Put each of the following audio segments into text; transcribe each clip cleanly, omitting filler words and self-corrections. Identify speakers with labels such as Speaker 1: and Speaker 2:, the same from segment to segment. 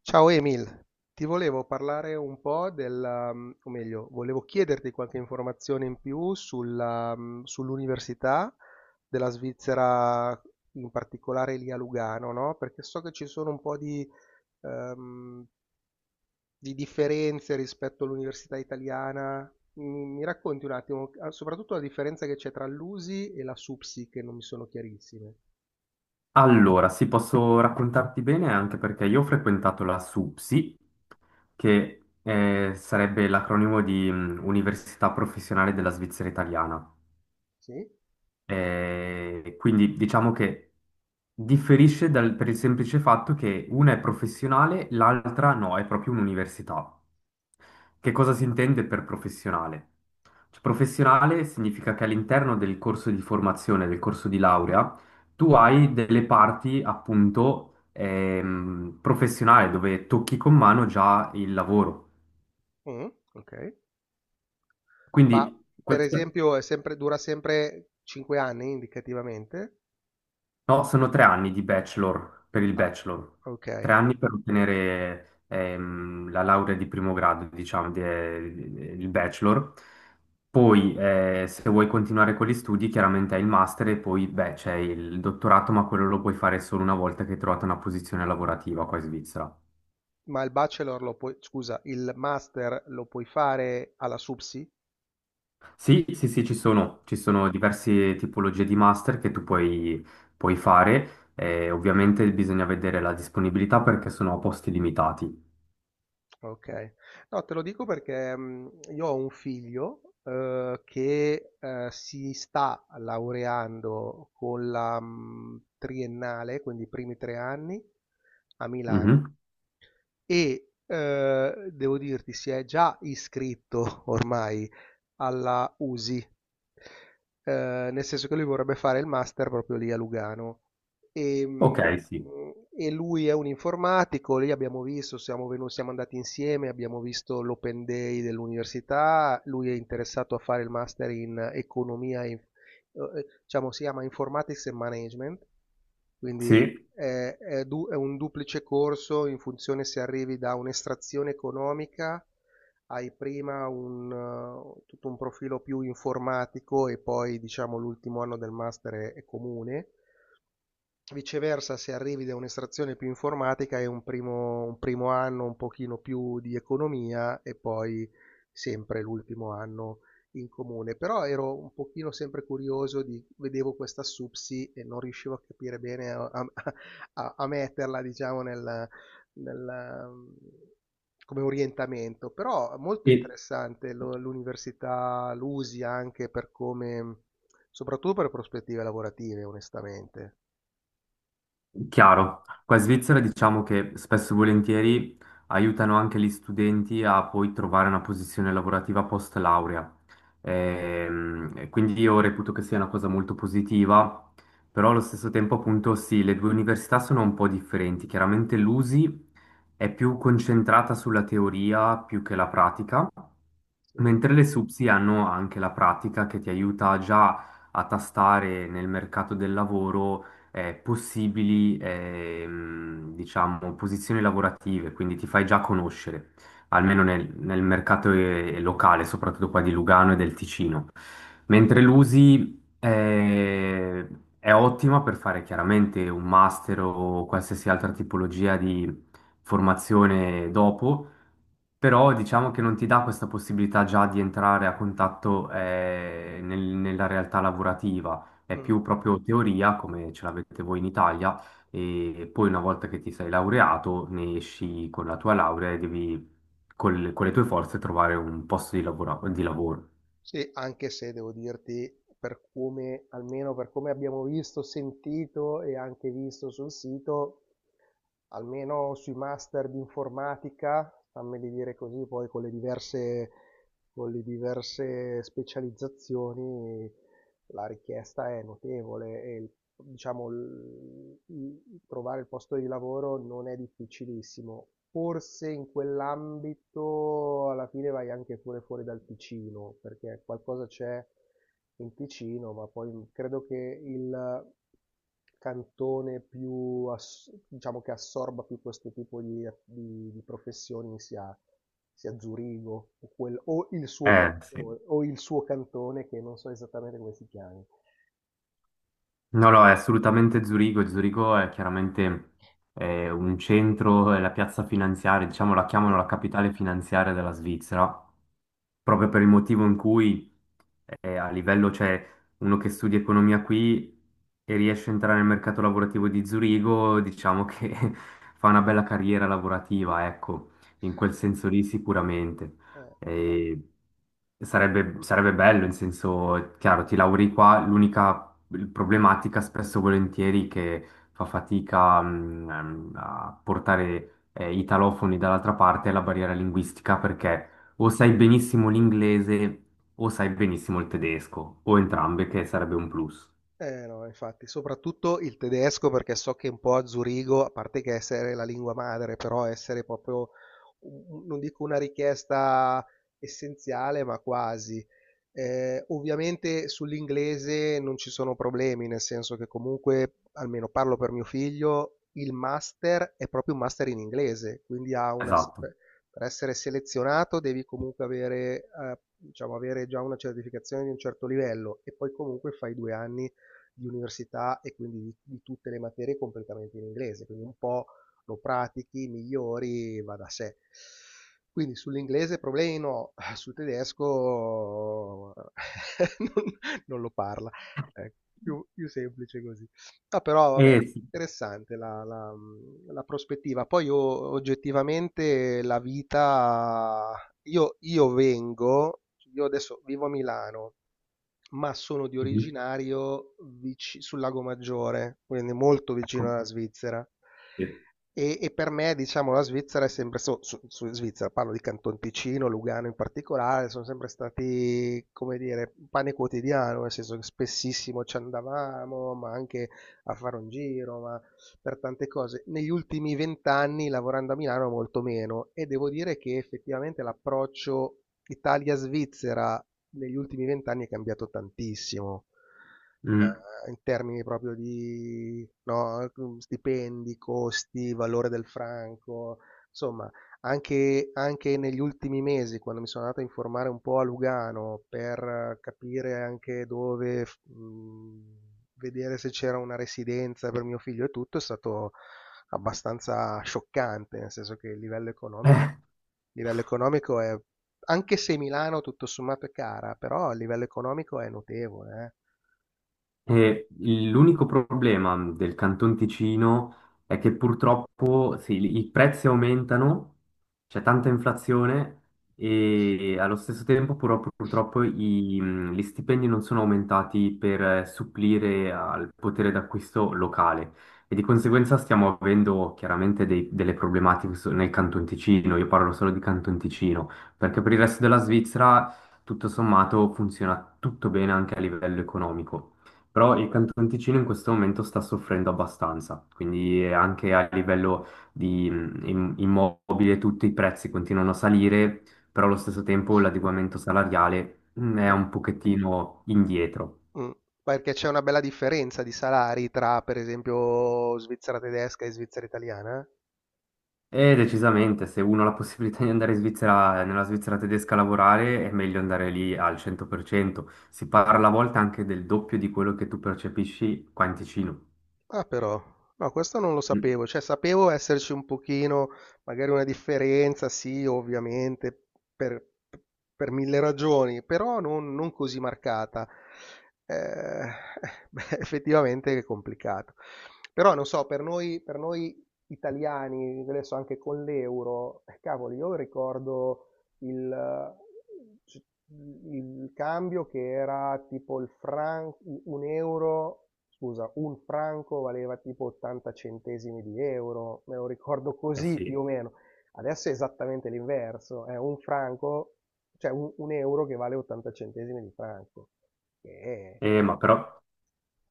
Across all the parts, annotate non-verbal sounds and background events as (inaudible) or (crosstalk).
Speaker 1: Ciao Emil, ti volevo parlare un po' della, o meglio, volevo chiederti qualche informazione in più sulla, sull'università della Svizzera, in particolare lì a Lugano, no? Perché so che ci sono un po' ehm, di differenze rispetto all'università italiana. Mi racconti un attimo, ah, soprattutto la differenza che c'è tra l'USI e la SUPSI, che non mi sono chiarissime.
Speaker 2: Allora, sì, posso raccontarti bene anche perché io ho frequentato la SUPSI, che sarebbe l'acronimo di Università Professionale della Svizzera Italiana.
Speaker 1: Sì?
Speaker 2: Quindi diciamo che per il semplice fatto che una è professionale, l'altra no, è proprio un'università. Che cosa si intende per professionale? Cioè, professionale significa che all'interno del corso di formazione, del corso di laurea, tu hai delle parti appunto professionali dove tocchi con mano già il lavoro.
Speaker 1: Mm, ok. Ma
Speaker 2: Quindi
Speaker 1: per
Speaker 2: questa-
Speaker 1: esempio è sempre, dura sempre 5 anni indicativamente?
Speaker 2: No, sono tre anni di bachelor, per il
Speaker 1: Ah,
Speaker 2: bachelor.
Speaker 1: ok.
Speaker 2: Tre anni per ottenere la laurea di primo grado, diciamo, il bachelor. Poi, se vuoi continuare con gli studi, chiaramente hai il master e poi, beh, c'è il dottorato, ma quello lo puoi fare solo una volta che hai trovato una posizione lavorativa qua in Svizzera.
Speaker 1: Ma il bachelor lo puoi, scusa, il master lo puoi fare alla SUPSI?
Speaker 2: Sì, sì, sì,
Speaker 1: Eh,
Speaker 2: ci sono diverse tipologie di master che puoi fare. Ovviamente bisogna vedere la disponibilità perché sono a posti limitati.
Speaker 1: Ok, no, te lo dico perché io ho un figlio che si sta laureando con la triennale, quindi i primi 3 anni a Milano
Speaker 2: Mhm.
Speaker 1: e devo dirti si è già iscritto (laughs) ormai alla USI, nel senso che lui vorrebbe fare il master proprio lì a Lugano. E, mh,
Speaker 2: Ok, sì,
Speaker 1: e lui è un informatico, lì abbiamo visto, siamo andati insieme, abbiamo visto l'open day dell'università, lui è interessato a fare il master in economia e in diciamo, si chiama Informatics e Management, quindi
Speaker 2: sì,
Speaker 1: è un duplice corso in funzione se arrivi da un'estrazione economica, hai prima un tutto un profilo più informatico e poi diciamo l'ultimo anno del master è comune. Viceversa, se arrivi da un'estrazione più informatica è un primo anno un pochino più di economia e poi sempre l'ultimo anno in comune. Però ero un pochino sempre curioso di, vedevo questa SUPSI e non riuscivo a capire bene a metterla, diciamo, nel- come orientamento. Però molto
Speaker 2: e
Speaker 1: interessante l'università, l'USI anche per come, soprattutto per prospettive lavorative, onestamente.
Speaker 2: chiaro. Qua in Svizzera diciamo che spesso e volentieri aiutano anche gli studenti a poi trovare una posizione lavorativa post laurea. E quindi io reputo che sia una cosa molto positiva, però allo stesso tempo appunto sì, le due università sono un po' differenti. Chiaramente l'USI è più concentrata sulla teoria più che la pratica.
Speaker 1: Sì.
Speaker 2: Mentre le SUPSI hanno anche la pratica che ti aiuta già a tastare nel mercato del lavoro possibili diciamo, posizioni lavorative, quindi ti fai già conoscere, almeno nel mercato locale, soprattutto qua di Lugano e del Ticino. Mentre l'USI è ottima per fare chiaramente un master o qualsiasi altra tipologia di formazione dopo, però diciamo che non ti dà questa possibilità già di entrare a contatto nella realtà lavorativa, è
Speaker 1: Mh.
Speaker 2: più proprio teoria come ce l'avete voi in Italia e poi una volta che ti sei laureato ne esci con la tua laurea e devi con le tue forze trovare un posto di lavoro.
Speaker 1: Sì, anche se devo dirti, per come almeno per come abbiamo visto, sentito e anche visto sul sito, almeno sui master di informatica, fammeli dire così, poi con le diverse specializzazioni la richiesta è notevole e diciamo trovare il posto di lavoro non è difficilissimo. Forse in quell'ambito alla fine vai anche pure fuori dal Ticino, perché qualcosa c'è in Ticino, ma poi credo che il cantone diciamo che assorba più questo tipo di, di professioni sia Zurigo o, o il suo
Speaker 2: Sì.
Speaker 1: cantone che non so esattamente come si chiami.
Speaker 2: No, no, è assolutamente Zurigo. E Zurigo è chiaramente un centro, è la piazza finanziaria, diciamo la chiamano la
Speaker 1: (clears throat)
Speaker 2: capitale finanziaria della Svizzera, proprio per il motivo in cui cioè uno che studia economia qui e riesce a entrare nel mercato lavorativo di Zurigo, diciamo che (laughs) fa una bella carriera lavorativa, ecco, in quel senso lì sicuramente.
Speaker 1: Eh,
Speaker 2: E sarebbe, sarebbe bello, in senso, chiaro, ti lauri qua, problematica spesso e volentieri che fa fatica a portare i talofoni dall'altra parte è la barriera linguistica, perché o sai benissimo l'inglese o sai benissimo il tedesco o entrambe, che sarebbe un plus.
Speaker 1: Eh no, infatti, soprattutto il tedesco perché so che un po' a Zurigo, a parte che essere la lingua madre, però essere proprio, non dico una richiesta essenziale, ma quasi. Ovviamente sull'inglese non ci sono problemi, nel senso che comunque, almeno parlo per mio figlio, il master è proprio un master in inglese, quindi ha una, se-
Speaker 2: Esatto.
Speaker 1: per essere selezionato devi comunque avere, diciamo, avere già una certificazione di un certo livello e poi comunque fai 2 anni di università e quindi di tutte le materie completamente in inglese, quindi un po' lo pratichi, migliori, va da sé. Quindi sull'inglese problemi no, sul tedesco (laughs) non, non, lo parla, è più semplice così. Ah, però
Speaker 2: Eh
Speaker 1: vabbè,
Speaker 2: sì.
Speaker 1: interessante la prospettiva. Poi io, oggettivamente la vita, io, io vengo, io adesso vivo a Milano, ma sono di
Speaker 2: Mhm.
Speaker 1: originario vici sul Lago Maggiore, quindi molto vicino
Speaker 2: Ecco.
Speaker 1: alla Svizzera.
Speaker 2: Sì.
Speaker 1: E per me, diciamo, la Svizzera è sempre Svizzera, parlo di Canton Ticino, Lugano in particolare, sono sempre stati, come dire, pane quotidiano, nel senso che spessissimo ci andavamo, ma anche a fare un giro, ma per tante cose. Negli ultimi vent'anni, lavorando a Milano, molto meno, e devo dire che effettivamente l'approccio Italia-Svizzera negli ultimi vent'anni è cambiato tantissimo,
Speaker 2: Mm.
Speaker 1: in termini proprio di no, stipendi, costi, valore del franco, insomma, anche negli ultimi mesi, quando mi sono andato a informare un po' a Lugano per capire anche dove vedere se c'era una residenza per mio figlio e tutto, è stato abbastanza scioccante, nel senso che
Speaker 2: (laughs) Eh.
Speaker 1: il livello economico è anche se Milano tutto sommato è cara, però a livello economico è notevole, eh.
Speaker 2: E l'unico problema del Canton Ticino è che purtroppo sì, i prezzi aumentano, c'è tanta inflazione e allo stesso tempo però purtroppo gli stipendi non sono aumentati per supplire al potere d'acquisto locale, e di conseguenza stiamo avendo chiaramente delle problematiche nel Canton Ticino, io parlo solo di Canton Ticino, perché per il resto della Svizzera tutto sommato funziona tutto bene anche a livello economico. Però il Canton Ticino in questo momento sta soffrendo abbastanza, quindi anche a livello di immobile, tutti i prezzi continuano a salire, però allo stesso tempo l'adeguamento salariale è
Speaker 1: No-
Speaker 2: un pochettino indietro.
Speaker 1: mm. Perché c'è una bella differenza di salari tra, per esempio, Svizzera tedesca e Svizzera italiana.
Speaker 2: E decisamente, se uno ha la possibilità di andare in Svizzera, nella Svizzera tedesca a lavorare, è meglio andare lì al 100%. Si parla a volte anche del doppio di quello che tu percepisci qua in Ticino.
Speaker 1: Ah però, no, questo non lo
Speaker 2: Mm.
Speaker 1: sapevo, cioè sapevo esserci un pochino, magari una differenza, sì, ovviamente, per, per mille ragioni, però non così marcata. Eh, (laughs) beh, effettivamente è complicato. Però non so, per noi italiani, adesso anche con l'euro, cavolo, io ricordo il, c- il cambio che era tipo il franco, un euro, scusa, un franco valeva tipo 80 centesimi di euro, me lo ricordo
Speaker 2: Eh
Speaker 1: così più o
Speaker 2: sì.
Speaker 1: meno. Adesso è esattamente l'inverso, è un franco, cioè un euro che vale 80 centesimi di franco. Che è-
Speaker 2: Ma però...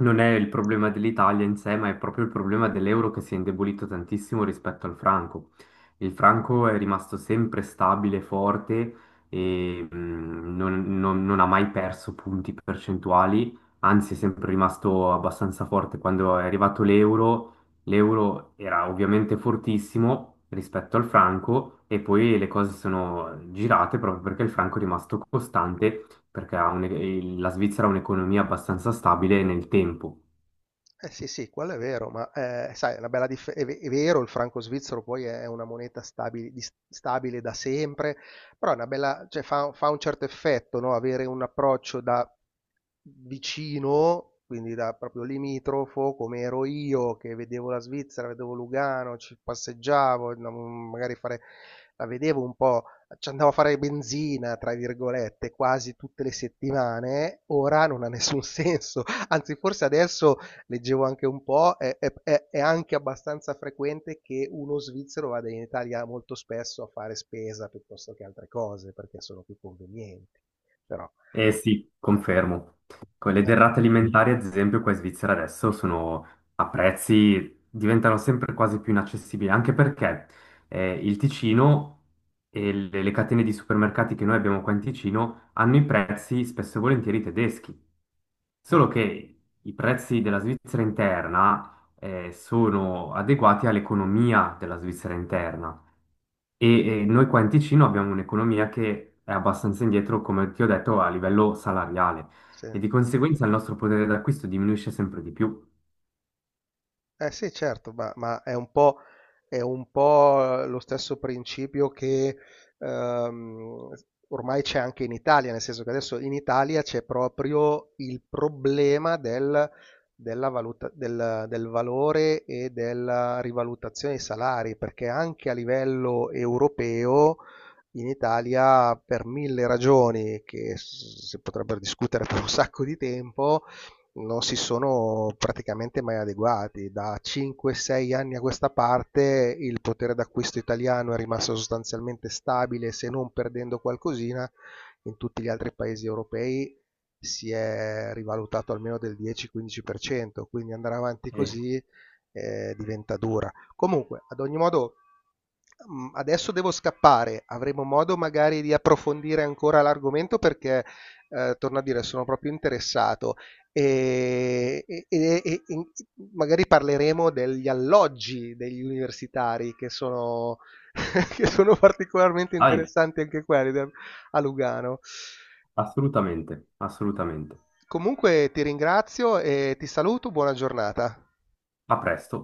Speaker 2: Non è il problema dell'Italia in sé, ma è proprio il problema dell'euro che si è indebolito tantissimo rispetto al franco. Il franco è rimasto sempre stabile, forte e non ha mai perso punti percentuali, anzi è sempre rimasto abbastanza forte. Quando è arrivato l'euro, l'euro era ovviamente fortissimo rispetto al franco e poi le cose sono girate proprio perché il franco è rimasto costante perché la Svizzera ha un'economia abbastanza stabile nel tempo.
Speaker 1: Eh sì, sì, quello è vero, ma sai, è una bella è vero, il franco svizzero poi è una moneta stabile, stabile da sempre, però è una bella, cioè, fa un certo effetto, no? Avere un approccio da vicino, quindi da proprio limitrofo, come ero io che vedevo la Svizzera, vedevo Lugano, ci passeggiavo, andavo magari a fare, la vedevo un po', ci andavo a fare benzina, tra virgolette, quasi tutte le settimane, ora non ha nessun (laughs) senso. Anzi, forse adesso leggevo anche un po', è anche abbastanza frequente che uno svizzero vada in Italia molto spesso a fare spesa piuttosto che altre cose, perché sono più convenienti. Però.
Speaker 2: Eh sì,
Speaker 1: Eh.
Speaker 2: confermo. Con le derrate alimentari, ad esempio, qua in Svizzera adesso sono a prezzi diventano sempre quasi più inaccessibili, anche perché il Ticino e le catene di supermercati che noi abbiamo qua in Ticino hanno i prezzi spesso e volentieri tedeschi,
Speaker 1: Eh.
Speaker 2: solo che i prezzi della Svizzera interna sono adeguati all'economia della Svizzera interna. Noi qua in Ticino abbiamo un'economia che è abbastanza indietro, come ti ho detto, a livello salariale,
Speaker 1: Sì.
Speaker 2: e di conseguenza il nostro potere d'acquisto diminuisce sempre di più.
Speaker 1: Eh sì, certo, ma è un po' lo stesso principio che ehm, ormai c'è anche in Italia, nel senso che adesso in Italia c'è proprio il problema della valuta, del valore e della rivalutazione dei salari, perché anche a livello europeo in Italia, per mille ragioni che si potrebbero discutere per un sacco di tempo, non si sono praticamente mai adeguati. Da 5-6 anni a questa parte il potere d'acquisto italiano è rimasto sostanzialmente stabile, se non perdendo qualcosina, in tutti gli altri paesi europei si è rivalutato almeno del 10-15%, quindi andare avanti
Speaker 2: Eh,
Speaker 1: così diventa dura. Comunque, ad ogni modo, adesso devo scappare, avremo modo magari di approfondire ancora l'argomento perché, torno a dire, sono proprio interessato e magari parleremo degli alloggi degli universitari che sono, (laughs) che sono particolarmente
Speaker 2: ahimè,
Speaker 1: interessanti anche quelli a Lugano.
Speaker 2: assolutamente, assolutamente.
Speaker 1: Comunque ti ringrazio e ti saluto, buona giornata.
Speaker 2: A presto.